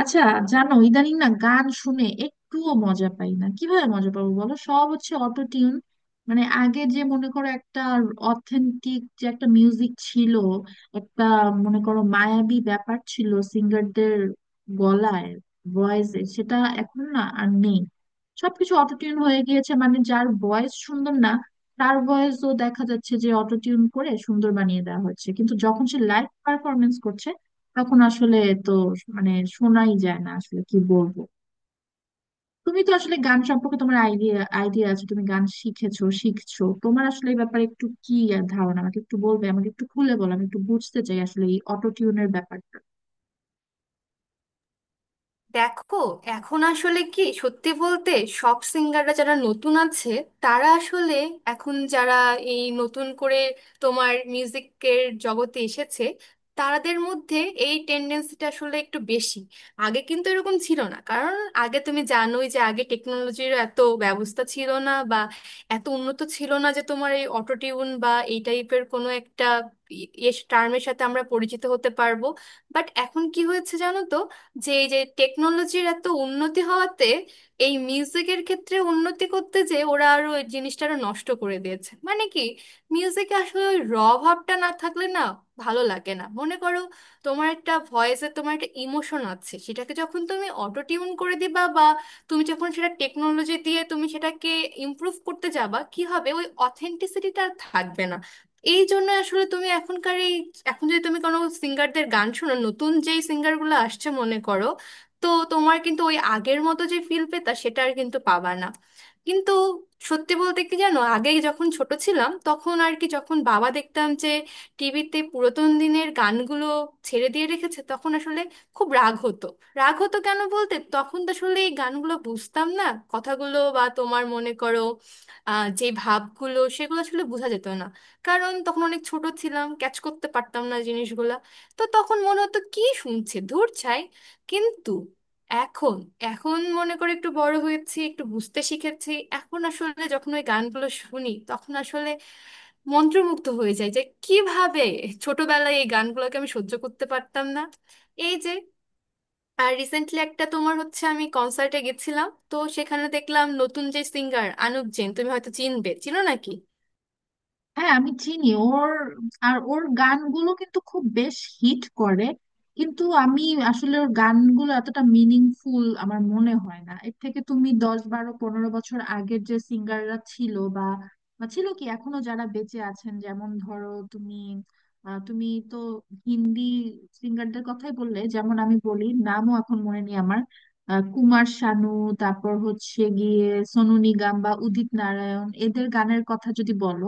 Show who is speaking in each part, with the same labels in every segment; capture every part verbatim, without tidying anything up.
Speaker 1: আচ্ছা। জানো, ইদানিং না গান শুনে একটুও মজা পাই না। কিভাবে মজা পাবো বলো, সব হচ্ছে অটো টিউন। মানে আগে যে মনে করো একটা অথেন্টিক যে একটা মিউজিক ছিল, একটা মনে করো মায়াবী ব্যাপার ছিল সিঙ্গারদের গলায়, ভয়েসে — সেটা এখন না আর নেই। সবকিছু অটো টিউন হয়ে গিয়েছে। মানে যার ভয়েস সুন্দর না, তার ভয়েসও দেখা যাচ্ছে যে অটো টিউন করে সুন্দর বানিয়ে দেওয়া হচ্ছে। কিন্তু যখন সে লাইভ পারফরমেন্স করছে তখন আসলে, তো, মানে, শোনাই যায় না। আসলে কি বলবো, তুমি তো আসলে গান সম্পর্কে তোমার আইডিয়া আইডিয়া আছে, তুমি গান শিখেছো, শিখছো, তোমার আসলে এই ব্যাপারে একটু কি ধারণা আমাকে একটু বলবে? আমাকে একটু খুলে বলো, আমি একটু বুঝতে চাই আসলে এই অটো টিউনের ব্যাপারটা।
Speaker 2: দেখো, এখন আসলে কি, সত্যি বলতে, সব সিঙ্গাররা যারা নতুন আছে, তারা আসলে, এখন যারা এই নতুন করে তোমার মিউজিকের জগতে এসেছে, তাদের মধ্যে এই টেন্ডেন্সিটা আসলে একটু বেশি। আগে কিন্তু এরকম ছিল না, কারণ আগে তুমি জানোই যে আগে টেকনোলজির এত ব্যবস্থা ছিল না বা এত উন্নত ছিল না যে তোমার এই অটোটিউন বা এই টাইপের কোনো একটা টার্মের সাথে আমরা পরিচিত হতে পারবো। বাট এখন কি হয়েছে জানো তো, যে এই যে টেকনোলজির এত উন্নতি হওয়াতে, এই মিউজিকের ক্ষেত্রে উন্নতি করতে যে ওরা আরো এই জিনিসটা আরো নষ্ট করে দিয়েছে। মানে কি, মিউজিকে আসলে ওই র ভাবটা না থাকলে না ভালো লাগে না। মনে করো, তোমার একটা ভয়েসে তোমার একটা ইমোশন আছে, সেটাকে যখন তুমি অটো টিউন করে দিবা, বা তুমি যখন সেটা টেকনোলজি দিয়ে তুমি সেটাকে ইমপ্রুভ করতে যাবা, কি হবে ওই অথেন্টিসিটিটা আর থাকবে না। এই জন্য আসলে তুমি এখনকার এই, এখন যদি তুমি কোনো সিঙ্গারদের গান শোনো, নতুন যেই সিঙ্গারগুলো আসছে মনে করো, তো তোমার কিন্তু ওই আগের মতো যে ফিল পেতা সেটা আর কিন্তু পাবা না। কিন্তু সত্যি বলতে কি জানো, আগে যখন ছোট ছিলাম তখন আর কি, যখন বাবা দেখতাম যে টিভিতে পুরাতন দিনের গানগুলো ছেড়ে দিয়ে রেখেছে, তখন আসলে খুব রাগ হতো। রাগ হতো কেন বলতে, তখন তো আসলে এই গানগুলো বুঝতাম না, কথাগুলো বা তোমার মনে করো আহ, যে ভাবগুলো সেগুলো আসলে বোঝা যেত না, কারণ তখন অনেক ছোট ছিলাম, ক্যাচ করতে পারতাম না জিনিসগুলা। তো তখন মনে হতো কি শুনছে ধুর ছাই। কিন্তু এখন, এখন মনে করে একটু বড় হয়েছি, একটু বুঝতে শিখেছি, এখন আসলে যখন ওই গানগুলো শুনি তখন আসলে মন্ত্রমুগ্ধ হয়ে যায় যে কিভাবে ছোটবেলায় এই গানগুলোকে আমি সহ্য করতে পারতাম না। এই যে, আর রিসেন্টলি একটা তোমার হচ্ছে, আমি কনসার্টে গেছিলাম, তো সেখানে দেখলাম নতুন যে সিঙ্গার আনুপ জেন, তুমি হয়তো চিনবে, চিনো নাকি?
Speaker 1: হ্যাঁ, আমি চিনি ওর। আর ওর গানগুলো কিন্তু খুব বেশ হিট করে, কিন্তু আমি আসলে ওর গানগুলো এতটা মিনিংফুল আমার মনে হয় না। এর থেকে তুমি দশ বারো পনেরো বছর আগের যে সিঙ্গাররা ছিল বা বা ছিল কি এখনো যারা বেঁচে আছেন, যেমন ধরো তুমি — আহ, তুমি তো হিন্দি সিঙ্গারদের কথাই বললে, যেমন আমি বলি, নামও এখন মনে নেই আমার, আহ, কুমার শানু, তারপর হচ্ছে গিয়ে সোনু নিগম বা উদিত নারায়ণ, এদের গানের কথা যদি বলো,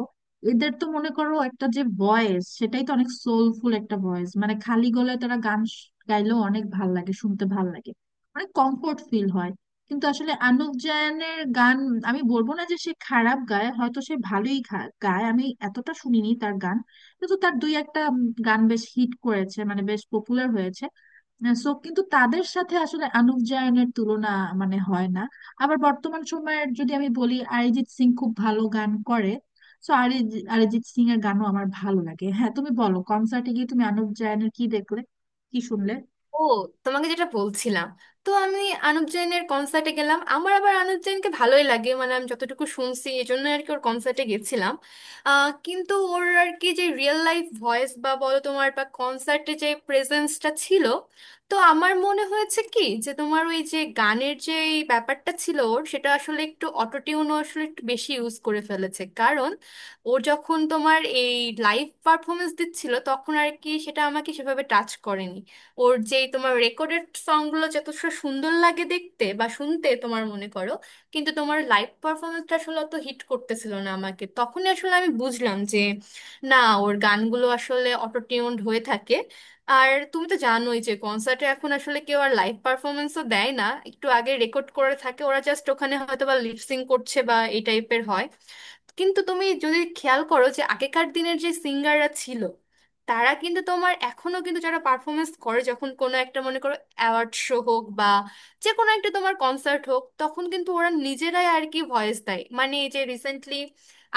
Speaker 1: এদের তো মনে করো একটা যে ভয়েস, সেটাই তো অনেক সোলফুল একটা ভয়েস। মানে খালি গলায় তারা গান শ- গাইলেও অনেক ভাল লাগে, শুনতে ভাল লাগে, অনেক কমফোর্ট ফিল হয়। কিন্তু আসলে আনুপ জায়নের গান — আমি বলবো না যে সে খারাপ গায়, হয়তো সে ভালোই খা- গায়, আমি এতটা শুনিনি তার গান। কিন্তু তার দুই একটা উম, গান বেশ হিট করেছে, মানে বেশ পপুলার হয়েছে। সো কিন্তু তাদের সাথে আসলে আনুপ জায়নের তুলনা মানে হয় না। আবার বর্তমান সময়ের যদি আমি বলি, অরিজিৎ সিং খুব ভালো গান করে, সো অরিজিৎ অরিজিৎ সিং এর গানও আমার ভালো লাগে। হ্যাঁ, তুমি বলো, কনসার্টে গিয়ে তুমি আনুপ জায়নের কি দেখলে, কি শুনলে?
Speaker 2: ও, তোমাকে যেটা বলছিলাম, তো আমি আনুপ জৈনের কনসার্টে গেলাম। আমার আবার আনুপ জৈনকে ভালোই লাগে, মানে আমি যতটুকু শুনছি, এই জন্য আর কি ওর কনসার্টে গেছিলাম। আহ, কিন্তু ওর আর কি যে রিয়েল লাইফ ভয়েস বা বলো তোমার বা কনসার্টে যে প্রেজেন্সটা ছিল, তো আমার মনে হয়েছে কি যে তোমার ওই যে গানের যে এই ব্যাপারটা ছিল ওর, সেটা আসলে একটু অটোটিউনও আসলে একটু বেশি ইউজ করে ফেলেছে। কারণ ও যখন তোমার এই লাইভ পারফরমেন্স দিচ্ছিল, তখন আর কি সেটা আমাকে সেভাবে টাচ করেনি। ওর যেই তোমার রেকর্ডেড সংগুলো যথেষ্ট সুন্দর লাগে দেখতে বা শুনতে তোমার মনে করো, কিন্তু তোমার লাইভ পারফরমেন্সটা আসলে অত হিট করতেছিল না আমাকে। তখনই আসলে আমি বুঝলাম যে না, ওর গানগুলো আসলে অটোটিউনড হয়ে থাকে। আর তুমি তো জানোই যে কনসার্টে এখন আসলে কেউ আর লাইভ পারফরমেন্সও দেয় না, একটু আগে রেকর্ড করে থাকে ওরা, জাস্ট ওখানে হয়তো বা লিপসিং করছে বা এই টাইপের হয়। কিন্তু তুমি যদি খেয়াল করো যে আগেকার দিনের যে সিঙ্গাররা ছিল, তারা কিন্তু তোমার এখনো কিন্তু যারা পারফরমেন্স করে যখন কোনো একটা মনে করো অ্যাওয়ার্ড শো হোক বা যে কোনো একটা তোমার কনসার্ট হোক, তখন কিন্তু ওরা নিজেরাই আর কি ভয়েস দেয়। মানে এই যে রিসেন্টলি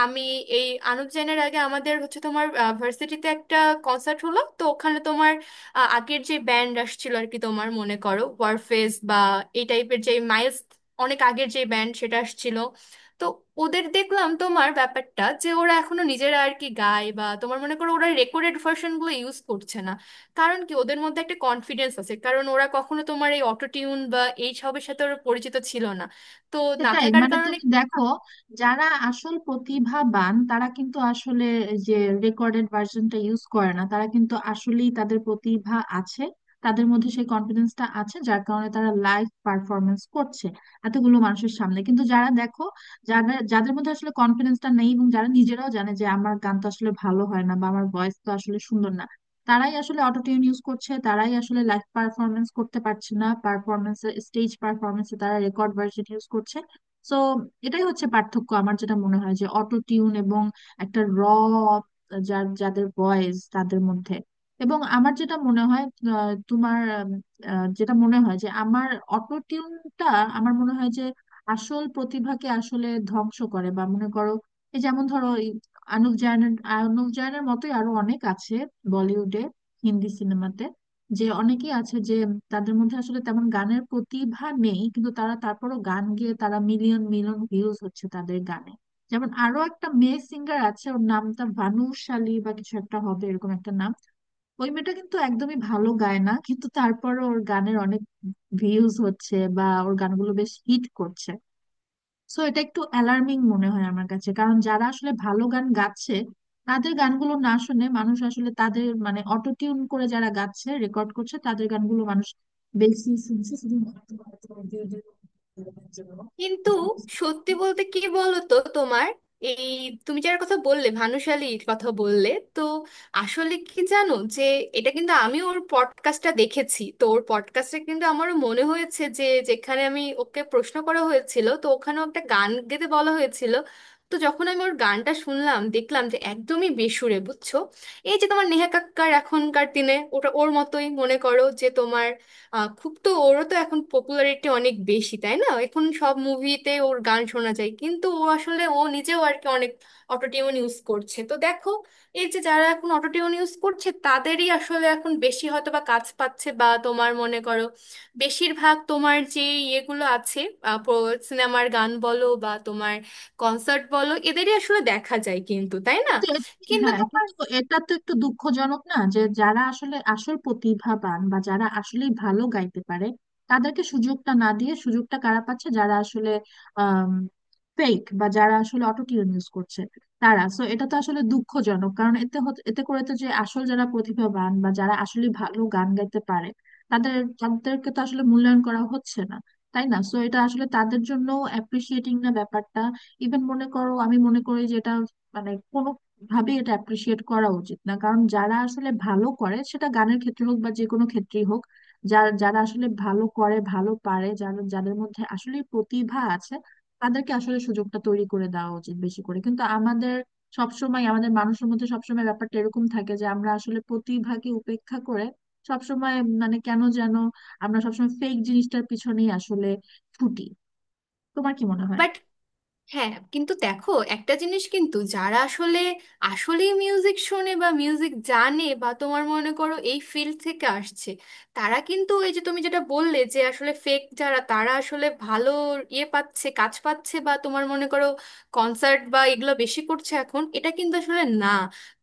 Speaker 2: আমি, এই আনুপ জেনের আগে আমাদের হচ্ছে তোমার ভার্সিটিতে একটা কনসার্ট হলো, তো ওখানে তোমার আহ, আগের যে ব্যান্ড আসছিল আর কি, তোমার মনে করো ওয়ারফেস বা এই টাইপের যে মাইলস, অনেক আগের যে ব্যান্ড সেটা আসছিল। তো ওদের দেখলাম তোমার ব্যাপারটা যে ওরা এখনো নিজেরা আর কি গায়, বা তোমার মনে করো ওরা রেকর্ডেড ভার্সনগুলো ইউজ করছে না। কারণ কি, ওদের মধ্যে একটা কনফিডেন্স আছে, কারণ ওরা কখনো তোমার এই অটোটিউন বা এই সবের সাথে ওরা পরিচিত ছিল না, তো না
Speaker 1: সেটাই,
Speaker 2: থাকার
Speaker 1: মানে
Speaker 2: কারণে।
Speaker 1: তুমি দেখো, যারা আসল প্রতিভাবান তারা কিন্তু আসলে যে রেকর্ডেড ভার্সনটা ইউজ করে না, তারা কিন্তু আসলেই তাদের প্রতিভা আছে, তাদের মধ্যে সেই কনফিডেন্সটা আছে, যার কারণে তারা লাইভ পারফরমেন্স করছে এতগুলো মানুষের সামনে। কিন্তু যারা দেখো, যাদের যাদের মধ্যে আসলে কনফিডেন্সটা নেই এবং যারা নিজেরাও জানে যে আমার গান তো আসলে ভালো হয় না বা আমার ভয়েস তো আসলে সুন্দর না, তারাই আসলে অটোটিউন ইউজ করছে, তারাই আসলে লাইভ পারফরমেন্স করতে পারছে না। পারফরমেন্স, স্টেজ পারফরমেন্সে তারা রেকর্ড ভার্সন ইউজ করছে। সো এটাই হচ্ছে পার্থক্য আমার যেটা মনে হয় যে অটো টিউন এবং একটা র যার যাদের ভয়েস তাদের মধ্যে। এবং আমার যেটা মনে হয়, আহ, তোমার, উম, আহ, যেটা মনে হয় যে আমার অটো টিউনটা, আমার মনে হয় যে আসল প্রতিভাকে আসলে ধ্বংস করে। বা মনে করো এই যেমন ধরো এই অনুপ জায়নের অনুপ জায়নের মতোই আরো অনেক আছে বলিউডে, হিন্দি সিনেমাতে, যে অনেকেই আছে যে তাদের মধ্যে আসলে তেমন গানের প্রতিভা নেই, কিন্তু তারা তারপরও গান গেয়ে তারা মিলিয়ন মিলিয়ন ভিউজ হচ্ছে তাদের গানে। যেমন আরো একটা মেয়ে সিঙ্গার আছে, ওর নামটা ভানুশালী বা কিছু একটা হবে এরকম একটা নাম, ওই মেয়েটা কিন্তু একদমই ভালো গায় না, কিন্তু তারপরও ওর গানের অনেক ভিউজ হচ্ছে বা ওর গানগুলো বেশ হিট করছে। সো এটা একটু অ্যালার্মিং মনে হয় আমার কাছে, কারণ যারা আসলে ভালো গান গাচ্ছে তাদের গানগুলো না শুনে মানুষ আসলে তাদের, মানে অটো টিউন করে যারা গাচ্ছে রেকর্ড করছে তাদের গানগুলো মানুষ বেশি শুনছে শুধু।
Speaker 2: কিন্তু সত্যি বলতে কি বলতো তোমার, এই তুমি যার কথা বললে, ভানুশালীর কথা বললে, তো আসলে কি জানো যে এটা কিন্তু আমি ওর পডকাস্টটা দেখেছি, তো ওর পডকাস্টে কিন্তু আমারও মনে হয়েছে যে যেখানে আমি ওকে প্রশ্ন করা হয়েছিল, তো ওখানেও একটা গান গেতে বলা হয়েছিল। তো যখন আমি ওর গানটা শুনলাম দেখলাম যে একদমই বেসুরে, বুঝছো? এই যে তোমার নেহা কাক্কার, এখনকার দিনে ওটা ওর মতোই মনে করো, যে তোমার আহ, খুব তো ওরও তো এখন পপুলারিটি অনেক বেশি, তাই না? এখন সব মুভিতে ওর গান শোনা যায়, কিন্তু ও আসলে ও নিজেও আর কি অনেক অটোটিউন ইউজ করছে। তো দেখো, এই যে যারা এখন অটোটিউন ইউজ করছে তাদেরই আসলে এখন বেশি হয়তো বা কাজ পাচ্ছে বা তোমার মনে করো বেশিরভাগ তোমার যে ইয়েগুলো আছে, সিনেমার গান বলো বা তোমার কনসার্ট বলো, এদেরই আসলে দেখা যায় কিন্তু, তাই না?
Speaker 1: কিন্তু এ-
Speaker 2: কিন্তু
Speaker 1: হ্যাঁ কিন্তু, এটা তো একটু দুঃখজনক না যে যারা আসলে আসল প্রতিভাবান বা যারা আসলেই ভালো গাইতে পারে তাদেরকে সুযোগটা না দিয়ে সুযোগটা কারা পাচ্ছে? যারা আসলে ফেক বা যারা আসলে অটোটিউন ইউজ করছে তারা। সো এটা তো আসলে দুঃখজনক, কারণ এতে হত- এতে করে তো যে আসল যারা প্রতিভাবান বা যারা আসলে ভালো গান গাইতে পারে তাদের, তাদেরকে তো আসলে মূল্যায়ন করা হচ্ছে না, তাই না? সো এটা আসলে তাদের জন্য অ্যাপ্রিসিয়েটিং না ব্যাপারটা। ইভেন মনে করো, আমি মনে করি যে এটা মানে কোনো ভাবে এটা অ্যাপ্রিসিয়েট করা উচিত না, কারণ যারা আসলে ভালো করে, সেটা গানের ক্ষেত্রে হোক বা যে কোনো ক্ষেত্রেই হোক, যারা যারা আসলে ভালো করে, ভালো পারে, যারা যাদের মধ্যে আসলে প্রতিভা আছে, তাদেরকে আসলে সুযোগটা তৈরি করে দেওয়া উচিত বেশি করে। কিন্তু আমাদের সবসময়, আমাদের মানুষের মধ্যে সবসময় ব্যাপারটা এরকম থাকে যে আমরা আসলে প্রতিভাকে উপেক্ষা করে সবসময়, মানে কেন যেন আমরা সবসময় ফেক জিনিসটার পিছনেই আসলে ছুটি। তোমার কি মনে হয়?
Speaker 2: বাট, হ্যাঁ কিন্তু দেখো একটা জিনিস, কিন্তু যারা আসলে আসলেই মিউজিক শোনে বা মিউজিক জানে বা তোমার মনে করো এই ফিল্ড থেকে আসছে, তারা কিন্তু এই যে তুমি যেটা বললে যে আসলে ফেক যারা তারা আসলে ভালো ইয়ে পাচ্ছে কাজ পাচ্ছে বা তোমার মনে করো কনসার্ট বা এগুলো বেশি করছে এখন, এটা কিন্তু আসলে না।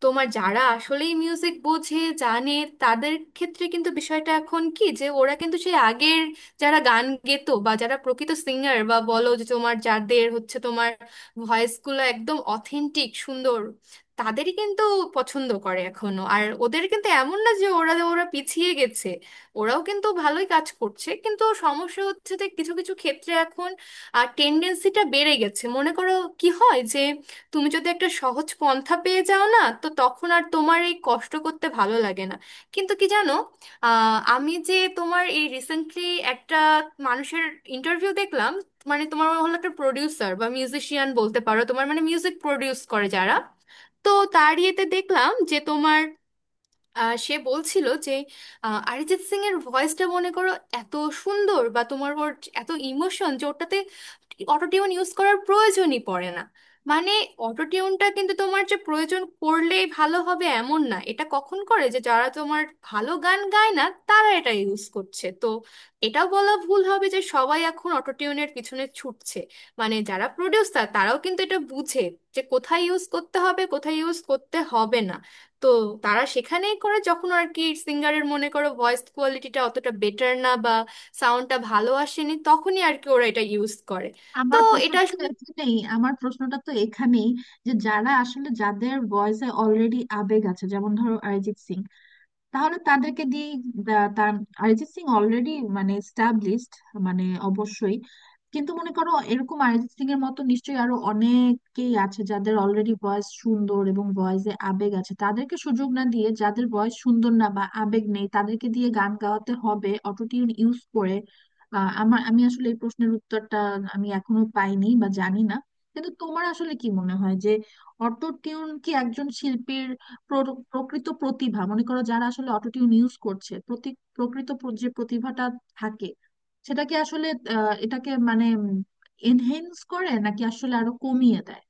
Speaker 2: তোমার যারা আসলেই মিউজিক বোঝে জানে, তাদের ক্ষেত্রে কিন্তু বিষয়টা এখন কি যে ওরা কিন্তু সেই আগের যারা গান গেতো বা যারা প্রকৃত সিঙ্গার বা বলো যে তোমার যাদের হচ্ছে তোমার ভয়েসগুলো একদম অথেন্টিক সুন্দর, তাদেরই কিন্তু পছন্দ করে এখনো। আর ওদের কিন্তু এমন না যে ওরা ওরা পিছিয়ে গেছে, ওরাও কিন্তু ভালোই কাজ করছে। কিন্তু সমস্যা হচ্ছে যে কিছু কিছু ক্ষেত্রে এখন আর টেন্ডেন্সিটা বেড়ে গেছে মনে করো। কি হয় যে তুমি যদি একটা সহজ পন্থা পেয়ে যাও না, তো তখন আর তোমার এই কষ্ট করতে ভালো লাগে না। কিন্তু কি জানো, আহ, আমি যে তোমার এই রিসেন্টলি একটা মানুষের ইন্টারভিউ দেখলাম, মানে তোমার হলো একটা প্রোডিউসার বা মিউজিশিয়ান বলতে পারো, তোমার মানে মিউজিক প্রোডিউস করে যারা, তো তার ইয়েতে দেখলাম যে তোমার আহ, সে বলছিল যে আহ, অরিজিৎ সিং এর ভয়েসটা মনে করো এত সুন্দর বা তোমার ওর এত ইমোশন যে ওটাতে অটোটিউন ইউজ করার প্রয়োজনই পড়ে না। মানে অটোটিউনটা কিন্তু তোমার যে প্রয়োজন করলেই ভালো হবে এমন না, এটা কখন করে যে যারা তোমার ভালো গান গায় না তারা এটা ইউজ করছে। তো এটাও বলা ভুল হবে যে সবাই এখন অটোটিউনের পিছনে ছুটছে। মানে যারা প্রডিউসার তারাও কিন্তু এটা বুঝে যে কোথায় ইউজ করতে হবে, কোথায় ইউজ করতে হবে না। তো তারা সেখানেই করে যখন আর কি সিঙ্গারের মনে করো ভয়েস কোয়ালিটিটা অতটা বেটার না বা সাউন্ডটা ভালো আসেনি, তখনই আর কি ওরা এটা ইউজ করে। তো
Speaker 1: আমার প্রশ্নটা
Speaker 2: এটা
Speaker 1: তো
Speaker 2: আসলে,
Speaker 1: এখানেই আমার প্রশ্নটা তো এখানেই, যে যারা আসলে যাদের ভয়েসে অলরেডি আবেগ আছে, যেমন ধরো অরিজিৎ সিং, তাহলে তাদেরকে দিয়ে, তার, অরিজিৎ সিং অলরেডি মানে এস্টাবলিশড, মানে অবশ্যই। কিন্তু মনে করো এরকম অরিজিৎ সিং এর মতো নিশ্চয়ই আরো অনেকেই আছে যাদের অলরেডি ভয়েস সুন্দর এবং ভয়েসে আবেগ আছে, তাদেরকে সুযোগ না দিয়ে যাদের ভয়েস সুন্দর না বা আবেগ নেই তাদেরকে দিয়ে গান গাওয়াতে হবে অটোটিউন ইউজ করে? আহ, আমার, আমি আসলে এই প্রশ্নের উত্তরটা আমি এখনো পাইনি বা জানি না। কিন্তু তোমার আসলে কি মনে হয় যে অটো টিউন কি একজন শিল্পীর প্র- প্রকৃত প্রতিভা, মনে করো যারা আসলে অটোটিউন ইউজ করছে, প্রতি, প্রকৃত প্র- যে প্রতিভাটা থাকে সেটাকে আসলে, আহ, এটাকে মানে এনহেন্স করে নাকি আসলে আরো কমিয়ে দেয়?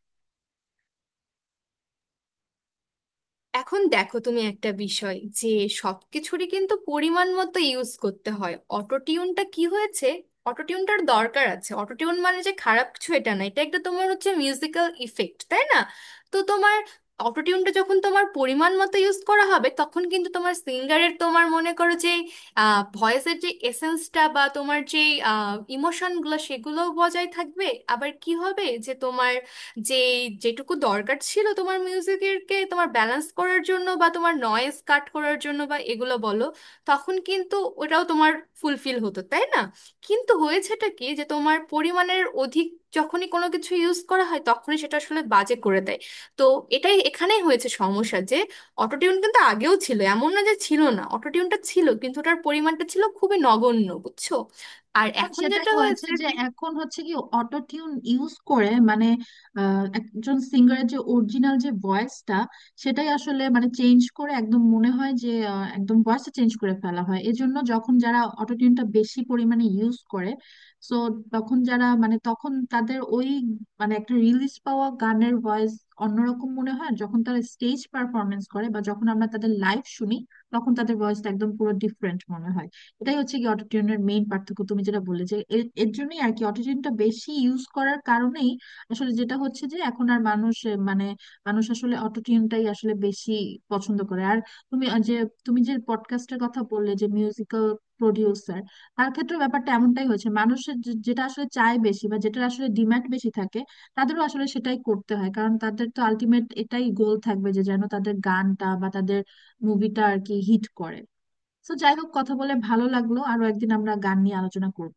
Speaker 2: এখন দেখো তুমি একটা বিষয় যে সবকিছুরই কিন্তু পরিমাণ মতো ইউজ করতে হয়। অটোটিউনটা কি হয়েছে, অটোটিউনটার দরকার আছে, অটোটিউন মানে যে খারাপ কিছু এটা না, এটা একটা তোমার হচ্ছে মিউজিক্যাল ইফেক্ট, তাই না? তো তোমার অটোটিউনটা যখন তোমার পরিমাণ মতো ইউজ করা হবে, তখন কিন্তু তোমার সিঙ্গারের তোমার মনে করো যে ভয়েসের যে এসেন্সটা বা তোমার যে ইমোশনগুলো সেগুলোও বজায় থাকবে। আবার কি হবে যে তোমার যে যেটুকু দরকার ছিল তোমার মিউজিকেরকে তোমার ব্যালেন্স করার জন্য বা তোমার নয়েজ কাট করার জন্য বা এগুলো বলো, তখন কিন্তু ওটাও তোমার ফুলফিল হতো, তাই না? কিন্তু হয়েছেটা কি যে তোমার পরিমাণের অধিক যখনই কোনো কিছু ইউজ করা হয় তখনই সেটা আসলে বাজে করে দেয়। তো এটাই এখানেই হয়েছে সমস্যা, যে অটোটিউন কিন্তু আগেও ছিল, এমন না যে ছিল না, অটোটিউনটা ছিল কিন্তু ওটার পরিমাণটা ছিল খুবই নগণ্য, বুঝছো? আর
Speaker 1: এখন
Speaker 2: এখন
Speaker 1: সেটাই
Speaker 2: যেটা
Speaker 1: হয়েছে,
Speaker 2: হয়েছে
Speaker 1: যে এখন হচ্ছে কি, অটো টিউন ইউজ করে মানে, আহ, একজন সিঙ্গারের যে অরিজিনাল যে ভয়েসটা, সেটাই আসলে মানে চেঞ্জ করে একদম, মনে হয় যে আহ, একদম ভয়েসটা চেঞ্জ করে ফেলা হয়। এজন্য যখন যারা অটো টিউনটা বেশি পরিমাণে ইউজ করে, সো তখন যারা মানে তখন তাদের ওই মানে একটা রিলিজ পাওয়া গানের ভয়েস অন্যরকম মনে হয় যখন তারা স্টেজ পারফরমেন্স করে বা যখন আমরা তাদের লাইভ শুনি, তখন তাদের ভয়েসটা একদম পুরো ডিফারেন্ট মনে হয়। এটাই হচ্ছে কি অটোটিউনের মেইন পার্থক্য তুমি যেটা বললে, যে এ- এর জন্যই আর কি অটোটিউনটা বেশি ইউজ করার কারণেই আসলে যেটা হচ্ছে যে এখন আর মানুষ এ, মানে মানুষ আসলে অটোটিউনটাই আসলে বেশি পছন্দ করে। আর তুমি আ, যে তুমি যে পডকাস্টের কথা বললে যে মিউজিক্যাল প্রডিউসার, তার ক্ষেত্রে ব্যাপারটা এমনটাই হয়েছে, মানুষের যে- যেটা আসলে চায় বেশি বা যেটা আসলে ডিমান্ড বেশি থাকে, তাদেরও আসলে সেটাই করতে হয়, কারণ তাদের তো আলটিমেট এটাই গোল থাকবে যে যেন তাদের গানটা বা তাদের মুভিটা আর কি হিট করে। তো যাই হোক, কথা বলে ভালো লাগলো, আরো একদিন আমরা গান নিয়ে আলোচনা করব।